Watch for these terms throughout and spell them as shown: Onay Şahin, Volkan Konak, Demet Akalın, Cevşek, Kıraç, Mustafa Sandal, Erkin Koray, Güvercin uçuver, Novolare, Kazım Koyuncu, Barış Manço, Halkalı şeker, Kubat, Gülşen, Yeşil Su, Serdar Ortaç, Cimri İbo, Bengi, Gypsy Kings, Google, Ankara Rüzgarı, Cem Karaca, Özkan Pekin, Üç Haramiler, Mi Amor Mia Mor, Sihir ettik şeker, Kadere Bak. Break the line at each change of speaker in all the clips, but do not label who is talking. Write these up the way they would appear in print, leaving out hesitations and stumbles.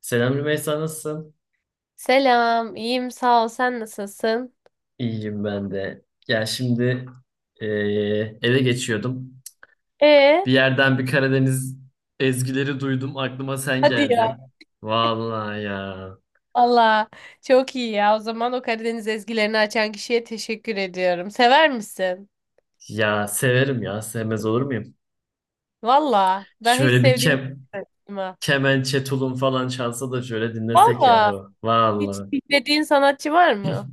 Selam Rümeysa, nasılsın?
Selam, iyiyim sağ ol. Sen nasılsın?
İyiyim ben de. Ya şimdi eve geçiyordum.
Ee,
Bir yerden bir Karadeniz ezgileri duydum. Aklıma sen
hadi ya.
geldin. Vallahi ya.
Allah çok iyi ya. O zaman o Karadeniz ezgilerini açan kişiye teşekkür ediyorum. Sever misin?
Ya severim ya. Sevmez olur muyum?
Valla ben hiç
Şöyle bir
sevdiğim
kem,
sanatçıma.
Kemençe, tulum falan çalsa da şöyle dinlesek
Valla
yahu.
hiç
Vallahi.
dinlediğin sanatçı var mı?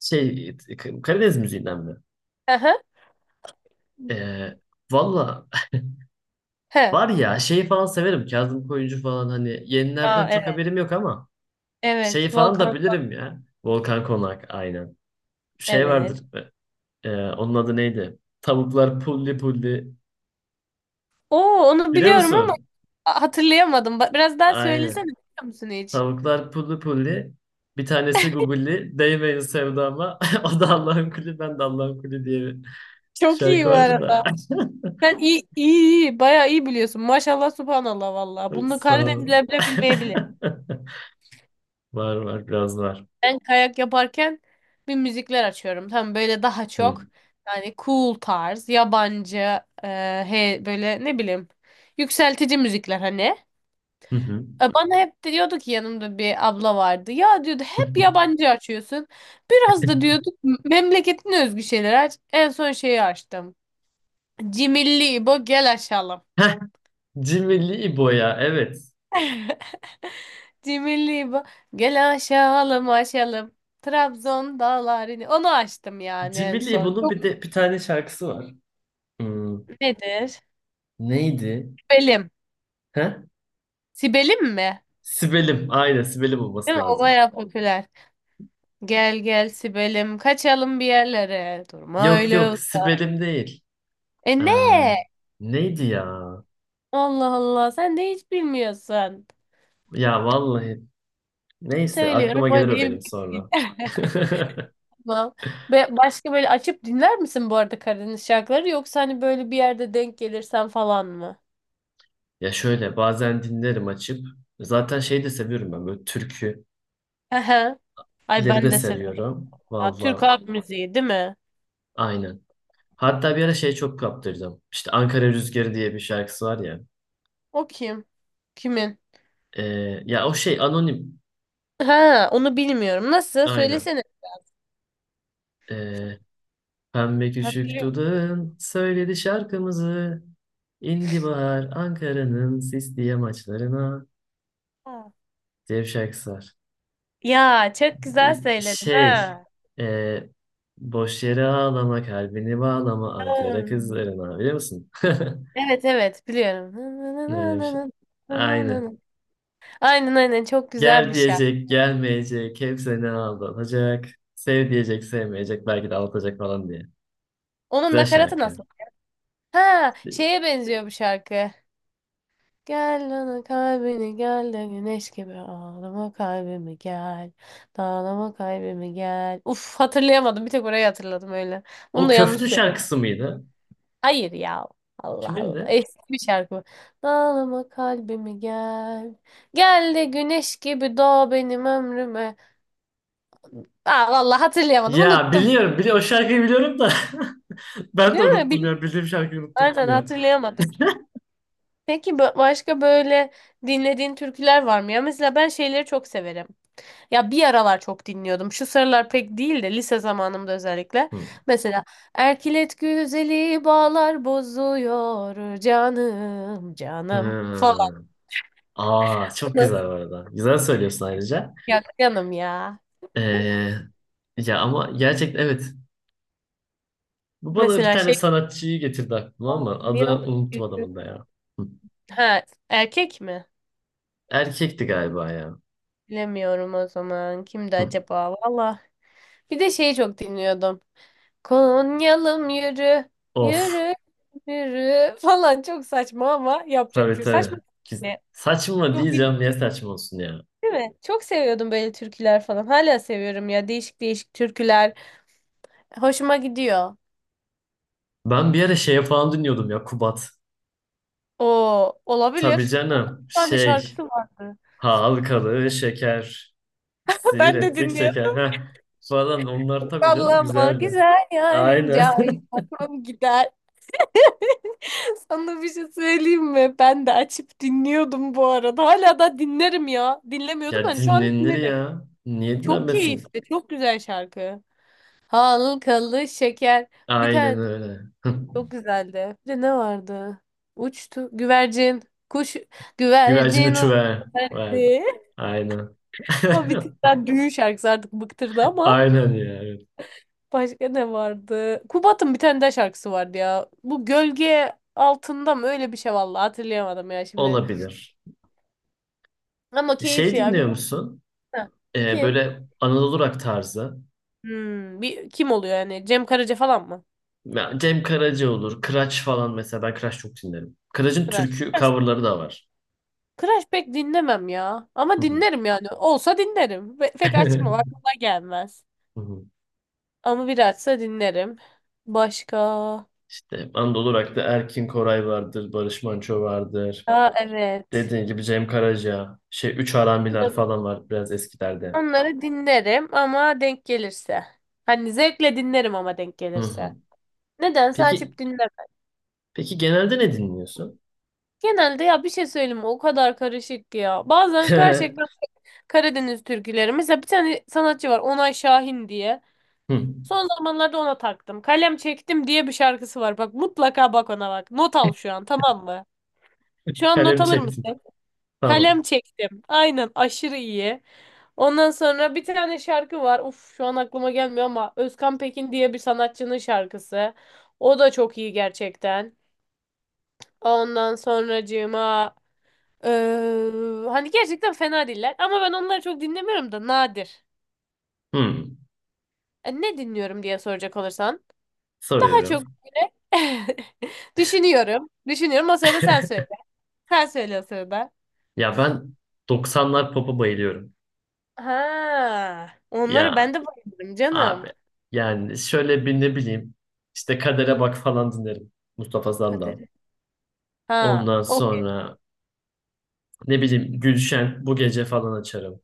Şey, Karadeniz müziğinden mi?
Hı hı.
Eee Valla,
He.
var ya şey falan severim. Kazım Koyuncu falan, hani
Aa,
yenilerden çok
evet.
haberim yok ama.
Evet.
Şeyi falan da
Volkan.
bilirim ya. Volkan Konak, aynen. Şey
Evet.
vardır. Onun adı neydi? Tavuklar pulli pulli.
Oo onu
Biliyor
biliyorum ama
musun?
hatırlayamadım. Biraz daha söylesene
Aynen.
biliyor musun hiç?
Tavuklar pulli pulli. Bir tanesi Google'li. Değmeyin sevdama. O da Allah'ın kulü, ben de Allah'ın kulü diye bir
Çok iyi
şarkı
bu
vardı da.
arada. Sen bayağı iyi biliyorsun. Maşallah, subhanallah vallahi. Bunu
Sağ ol.
Karadenizler bile bilmeyebilir.
Var var, biraz var.
Ben kayak yaparken bir müzikler açıyorum. Tam böyle daha
Hı.
çok yani cool tarz, yabancı, böyle ne bileyim yükseltici müzikler hani.
Hı hı.
Bana hep diyordu ki yanımda bir abla vardı. Ya diyordu hep yabancı açıyorsun. Biraz da diyorduk memleketine özgü şeyler aç. En son şeyi açtım. Cimilli İbo gel aşağılam.
Heh, Cimri İbo ya, evet.
Cimri bu. Gel aşalım aşalım. Trabzon dağlarını. Onu açtım yani en
Cimri
son.
İbo'nun
Çok
bir de bir tane şarkısı var. Hmm.
nedir?
Neydi?
Sibelim.
He?
Sibelim mi?
Sibelim. Aynen, Sibelim
Değil
olması
mi? O
lazım.
bayağı popüler. Gel gel Sibelim. Kaçalım bir yerlere. Durma
Yok
öyle.
yok, Sibelim değil.
E
Ee,
ne?
Neydi ya?
Allah Allah. Sen de hiç bilmiyorsun.
Ya vallahi, neyse aklıma
Söylüyorum.
gelir
O
o
değil.
benim sonra.
Tamam. Ve başka böyle açıp dinler misin bu arada Karadeniz şarkıları? Yoksa hani böyle bir yerde denk gelirsen falan mı?
Ya şöyle bazen dinlerim açıp. Zaten şey de seviyorum, ben böyle türküleri
Aha ay ben
de
de severim.
seviyorum.
Ya, Türk
Valla,
halk müziği değil mi?
aynen. Hatta bir ara şey çok kaptırdım. İşte Ankara Rüzgarı diye bir şarkısı var ya.
O kim? Kimin?
Ee, Ya o şey anonim.
Ha, onu bilmiyorum. Nasıl?
Aynen.
Söylesene.
Ee, Pembe küçük
Hatırlıyorum.
dudağın söyledi şarkımızı. İndi bahar Ankara'nın sisli yamaçlarına.
Ha.
Cevşek sar.
Ya çok güzel söyledin
Şey,
ha.
e, boş yere ağlama, kalbini bağlama Ankara
Hmm.
kızlarına, biliyor musun?
Evet evet biliyorum.
Öyle bir şey. Aynen.
Aynen aynen çok güzel
Gel
bir şarkı.
diyecek, gelmeyecek, hep seni aldatacak. Sev diyecek, sevmeyecek, belki de aldatacak falan diye.
Onun
Güzel
nakaratı
şarkı.
nasıl? Ha
E,
şeye benziyor bu şarkı. Gel bana kalbini gel de güneş gibi ağlama kalbimi gel. Dağlama kalbimi gel. Uf hatırlayamadım bir tek orayı hatırladım öyle. Onu
O
da
Köflü
yanlış.
şarkısı mıydı?
Hayır ya. Allah
Kimin
Allah.
de?
Eski bir şarkı bu. Dağlama kalbimi gel. Gel de güneş gibi doğ benim ömrüme. Aa, vallahi hatırlayamadım.
Ya
Unuttum.
biliyorum, o şarkıyı biliyorum da ben de
Değil mi?
unuttum ya. Bildiğim şarkıyı unutturdun
Aynen
ya.
hatırlayamadık. Peki başka böyle dinlediğin türküler var mı ya? Mesela ben şeyleri çok severim. Ya bir aralar çok dinliyordum. Şu sıralar pek değil de lise zamanımda özellikle.
Hı.
Mesela Erkilet güzeli bağlar bozuyor canım canım falan.
Hmm. Aa, çok güzel bu arada. Güzel söylüyorsun ayrıca.
Ya canım ya.
Ee, Ya ama gerçekten evet. Bu bana bir
Mesela
tane
şey
sanatçıyı getirdi aklıma ama
niye
adını
o-
unuttum adamın da ya. Hı.
Ha, erkek mi?
Erkekti galiba ya.
Bilemiyorum o zaman. Kimdi
Hı.
acaba? Valla. Bir de şeyi çok dinliyordum. Konyalım yürü.
Of.
Yürü. Yürü. Falan çok saçma ama yapacak bir
Tabii
şey yok. Saçma
tabii.
ne?
Saçma
Çok iyi
diyeceğim. Niye saçma olsun ya?
değil mi? Çok seviyordum böyle türküler falan. Hala seviyorum ya. Değişik değişik türküler. Hoşuma gidiyor.
Ben bir ara şeye falan dinliyordum ya, Kubat.
O
Tabii
olabilir. Onun
canım.
bir tane
Şey.
şarkısı vardı.
Halkalı şeker. Sihir
Ben de
ettik
dinliyorum.
şeker. Heh. Falan onlar tabii canım
Sallama
güzeldi.
güzel yarım
Aynen.
cahil aklım gider. Sana bir şey söyleyeyim mi? Ben de açıp dinliyordum bu arada. Hala da dinlerim ya. Dinlemiyordum
Ya
hani şu an
dinlenir
dinlerim.
ya. Niye
Çok
dinlenmesin?
keyifli, çok güzel şarkı. Halkalı şeker. Bir
Aynen
tane de
öyle.
çok güzeldi. Bir de ne vardı? Uçtu güvercin. Kuş
Güvercin
güvercin o
uçuver. Verdi.
geldi.
Aynen.
O bir tık daha düğün şarkısı artık bıktırdı ama.
Aynen ya. Evet.
Başka ne vardı? Kubat'ın bir tane daha şarkısı vardı ya. Bu gölge altında mı? Öyle bir şey vallahi hatırlayamadım ya şimdi.
Olabilir.
Ama
Şey
keyifli ya
dinliyor
güzel.
musun?
Ha. Kim?
Böyle Anadolu rock tarzı.
Hmm, bir, kim oluyor yani? Cem Karaca falan mı?
Ya Cem Karaca olur. Kıraç falan mesela. Ben Kıraç çok dinlerim. Kıraç'ın
Kıraş.
türkü
Kıraş
coverları da var.
Kıraş pek dinlemem ya.
Hı
Ama
hı.
dinlerim yani. Olsa dinlerim. Pek açmam aklıma gelmez. Ama bir açsa dinlerim. Başka.
İşte Anadolu Rock'ta Erkin Koray vardır, Barış Manço vardır.
Aa evet.
Dediğin gibi Cem Karaca, şey Üç Haramiler
Onları,
falan var biraz eskilerde.
onları dinlerim ama denk gelirse. Hani zevkle dinlerim ama denk
Hı
gelirse.
hı.
Nedense
Peki
açıp dinleme.
peki genelde ne dinliyorsun?
Genelde ya bir şey söyleyeyim mi? O kadar karışık ki ya. Bazen gerçekten Karadeniz türküleri. Mesela bir tane sanatçı var Onay Şahin diye.
Hı.
Son zamanlarda ona taktım. Kalem çektim diye bir şarkısı var. Bak mutlaka bak ona bak. Not al şu an tamam mı? Şu an not
Kalem
alır
çektim.
mısın?
Tamam.
Kalem çektim. Aynen aşırı iyi. Ondan sonra bir tane şarkı var. Uf şu an aklıma gelmiyor ama Özkan Pekin diye bir sanatçının şarkısı. O da çok iyi gerçekten. Ondan sonracığıma hani gerçekten fena değiller ama ben onları çok dinlemiyorum da nadir.
Hı.
Ne dinliyorum diye soracak olursan daha çok
Soruyorum.
düşünüyorum. Düşünüyorum o sırada sen söyle. Sen söyle o sırada.
Ya ben 90'lar pop'a bayılıyorum.
Ha, onları
Ya
ben de bayılırım canım.
abi, yani şöyle bir ne bileyim, işte Kadere Bak falan dinlerim. Mustafa Sandal.
Kader. Ha,
Ondan
okey.
sonra ne bileyim, Gülşen bu gece falan açarım.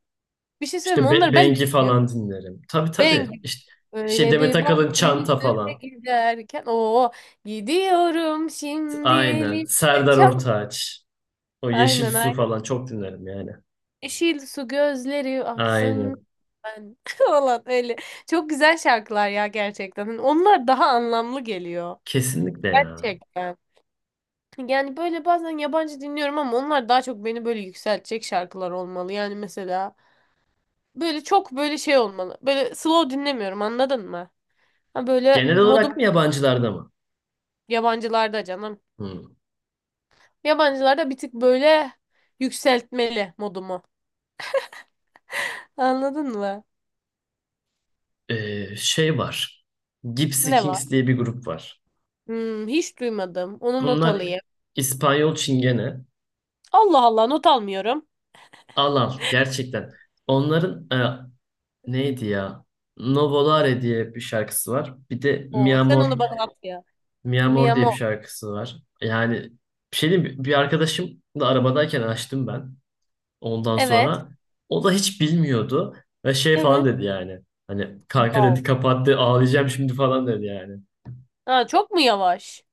Bir şey söyleyeyim mi?
İşte
Onları ben de
Bengi
dinliyorum.
falan dinlerim. Tabii tabii.
Ben
İşte şey,
öyle
Demet
bir
Akalın
baktı
Çanta
yüzüme
falan.
giderken o gidiyorum şimdi
Aynen.
elimde
Serdar
çal.
Ortaç. O Yeşil
Aynen
Su
aynen.
falan çok dinlerim yani.
Yeşil su gözleri aksın
Aynen.
ben falan öyle. Çok güzel şarkılar ya gerçekten. Hani onlar daha anlamlı geliyor.
Kesinlikle ya.
Gerçekten. Yani böyle bazen yabancı dinliyorum ama onlar daha çok beni böyle yükseltecek şarkılar olmalı. Yani mesela böyle çok böyle şey olmalı. Böyle slow dinlemiyorum anladın mı? Ha böyle
Genel
modum
olarak mı, yabancılarda mı?
yabancılarda canım.
Hmm.
Yabancılarda bir tık böyle yükseltmeli modumu. Anladın mı?
Şey var. Gypsy
Ne var?
Kings diye bir grup var.
Hmm, hiç duymadım. Onu not
Bunlar
alayım.
İspanyol Çingene.
Allah Allah not almıyorum.
Al al gerçekten. Onların neydi ya? Novolare diye bir şarkısı var. Bir de
Oo,
Mi
sen
Amor,
onu bana at ya.
Mia Mor diye bir
Miyamo.
şarkısı var. Yani bir şey diyeyim mi, bir arkadaşım da arabadayken açtım ben. Ondan
Evet.
sonra o da hiç bilmiyordu ve şey falan
Evet.
dedi yani. Hani kanka dedi,
Wow.
kapattı, ağlayacağım şimdi falan dedi yani.
Ha, çok mu yavaş?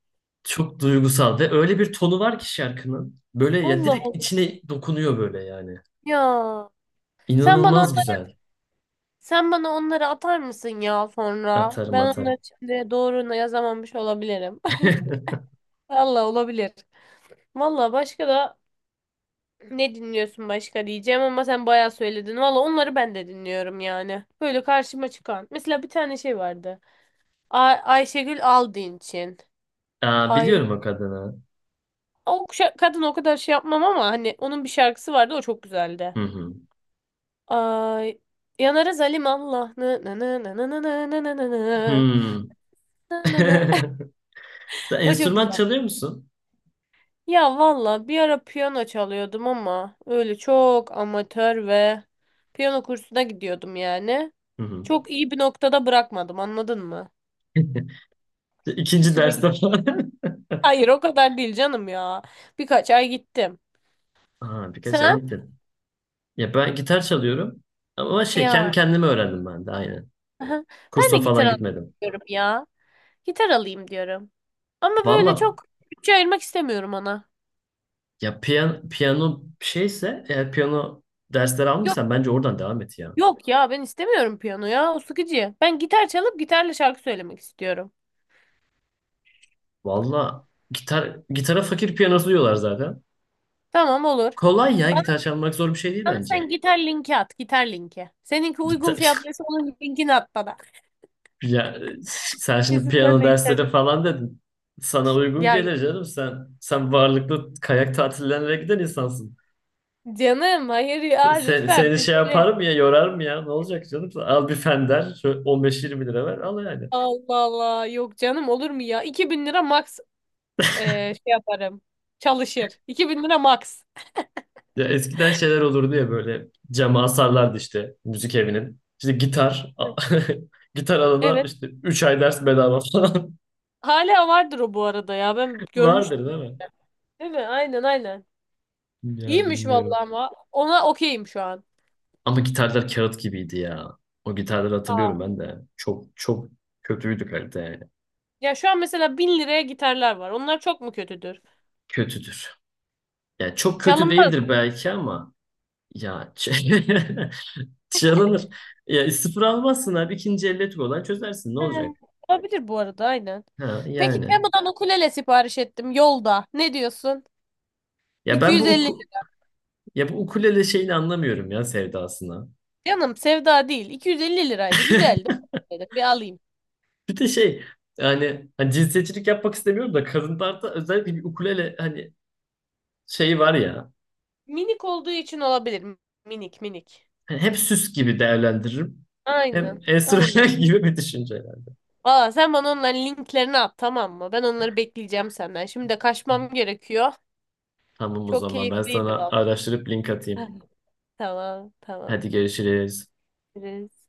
Çok duygusal ve öyle bir tonu var ki şarkının. Böyle ya,
Allah
direkt
Allah.
içine dokunuyor böyle yani.
Ya. Sen bana
İnanılmaz güzel.
sen bana onları atar mısın ya sonra?
Atarım
Ben onları
atarım.
şimdi doğru yazamamış olabilirim. Allah olabilir. Valla başka da ne dinliyorsun başka diyeceğim ama sen bayağı söyledin. Valla onları ben de dinliyorum yani. Böyle karşıma çıkan. Mesela bir tane şey vardı. Ay Ayşegül Aldinç'in.
Aa,
Hay
biliyorum o kadını.
o kadın o kadar şey yapmam ama hani onun bir şarkısı vardı o çok güzeldi.
Hı hı.
Ay yanarız Halim Allah. Nı nı nı nı nı nı nı nı nı nı nı.
Hmm.
Nı nı nı.
Sen
O çok
enstrüman
güzel.
çalıyor musun?
Ya valla bir ara piyano çalıyordum ama öyle çok amatör ve piyano kursuna gidiyordum yani.
Hı hı.
Çok iyi bir noktada bırakmadım anladın mı? Bir
İkinci
süre gittim.
derste falan.
Hayır o kadar değil canım ya. Birkaç ay gittim.
Aa, birkaç ay
Sen?
gittim. Ya ben gitar çalıyorum. Ama şey, kendi
Ya.
kendime öğrendim ben de aynen.
Aha. Ben de
Kursa
gitar
falan gitmedim.
alıyorum ya. Gitar alayım diyorum. Ama böyle
Valla
çok bütçe ayırmak istemiyorum ona.
ya, piyano şeyse, eğer piyano dersleri
Yok
almışsan bence oradan devam et ya.
yok ya ben istemiyorum piyano ya o sıkıcı. Ben gitar çalıp gitarla şarkı söylemek istiyorum.
Valla gitar, gitara fakir piyanosu diyorlar zaten.
Tamam olur.
Kolay ya,
Bana,
gitar çalmak zor bir şey değil
bana
bence.
sen gitar linki at gitar linki. Seninki uygun
Gitar,
fiyatlıysa onun linkini at bana.
ya, sen şimdi
Kesin sen
piyano
de
dersleri
istedin.
falan dedin. Sana uygun
Ya yok.
gelir canım. Sen varlıklı kayak tatillerine giden insansın.
Canım hayır ya lütfen
Seni
biz
şey
böyle.
yaparım ya, yorarım ya, ne olacak canım, al bir fender şöyle 15-20 lira ver al yani.
Allah Allah yok canım olur mu ya 2.000 lira max, şey yaparım çalışır 2.000 lira max.
Ya eskiden şeyler olurdu ya, böyle cama asarlardı işte müzik evinin. İşte gitar gitar alana
Evet.
işte 3 ay ders bedava falan
Hala vardır o bu arada ya. Ben
vardır
görmüştüm.
değil mi?
Değil mi? Aynen aynen.
Ya
İyiymiş
bilmiyorum.
vallahi ama ona okeyim şu an.
Ama gitarlar kağıt gibiydi ya. O gitarları hatırlıyorum
Aa.
ben de. Çok çok kötüydü kalite yani.
Ya şu an mesela 1.000 liraya gitarlar var. Onlar çok mu kötüdür?
Kötüdür. Yani çok kötü
Çalınmaz
değildir
mı?
belki ama ya çalınır. Ya sıfır almazsın abi, ikinci elle olan çözersin. Ne
He,
olacak?
olabilir bu arada aynen.
Ha
Peki
yani.
Temu'dan ukulele sipariş ettim yolda. Ne diyorsun?
Ya ben bu
250
uku,
lira.
Ya bu ukulele şeyini anlamıyorum ya, sevdasını.
Canım sevda değil. 250 liraydı. Güzeldi. Dedim bir alayım.
Bir de şey, yani hani cinsiyetçilik yapmak istemiyorum da, kadınlarda özellikle bir ukulele hani şeyi var ya.
Minik olduğu için olabilir. Minik minik.
Hani hep süs gibi değerlendiririm. Hem
Aynen. Aynen.
enstrüman gibi bir düşünce yani.
Aa, sen bana onların linklerini at tamam mı? Ben onları bekleyeceğim senden. Şimdi de kaçmam gerekiyor.
Tamam, o
Çok
zaman ben
keyifliydi
sana
valla.
araştırıp link atayım.
Tamam tamam.
Hadi görüşürüz.
Görüşürüz.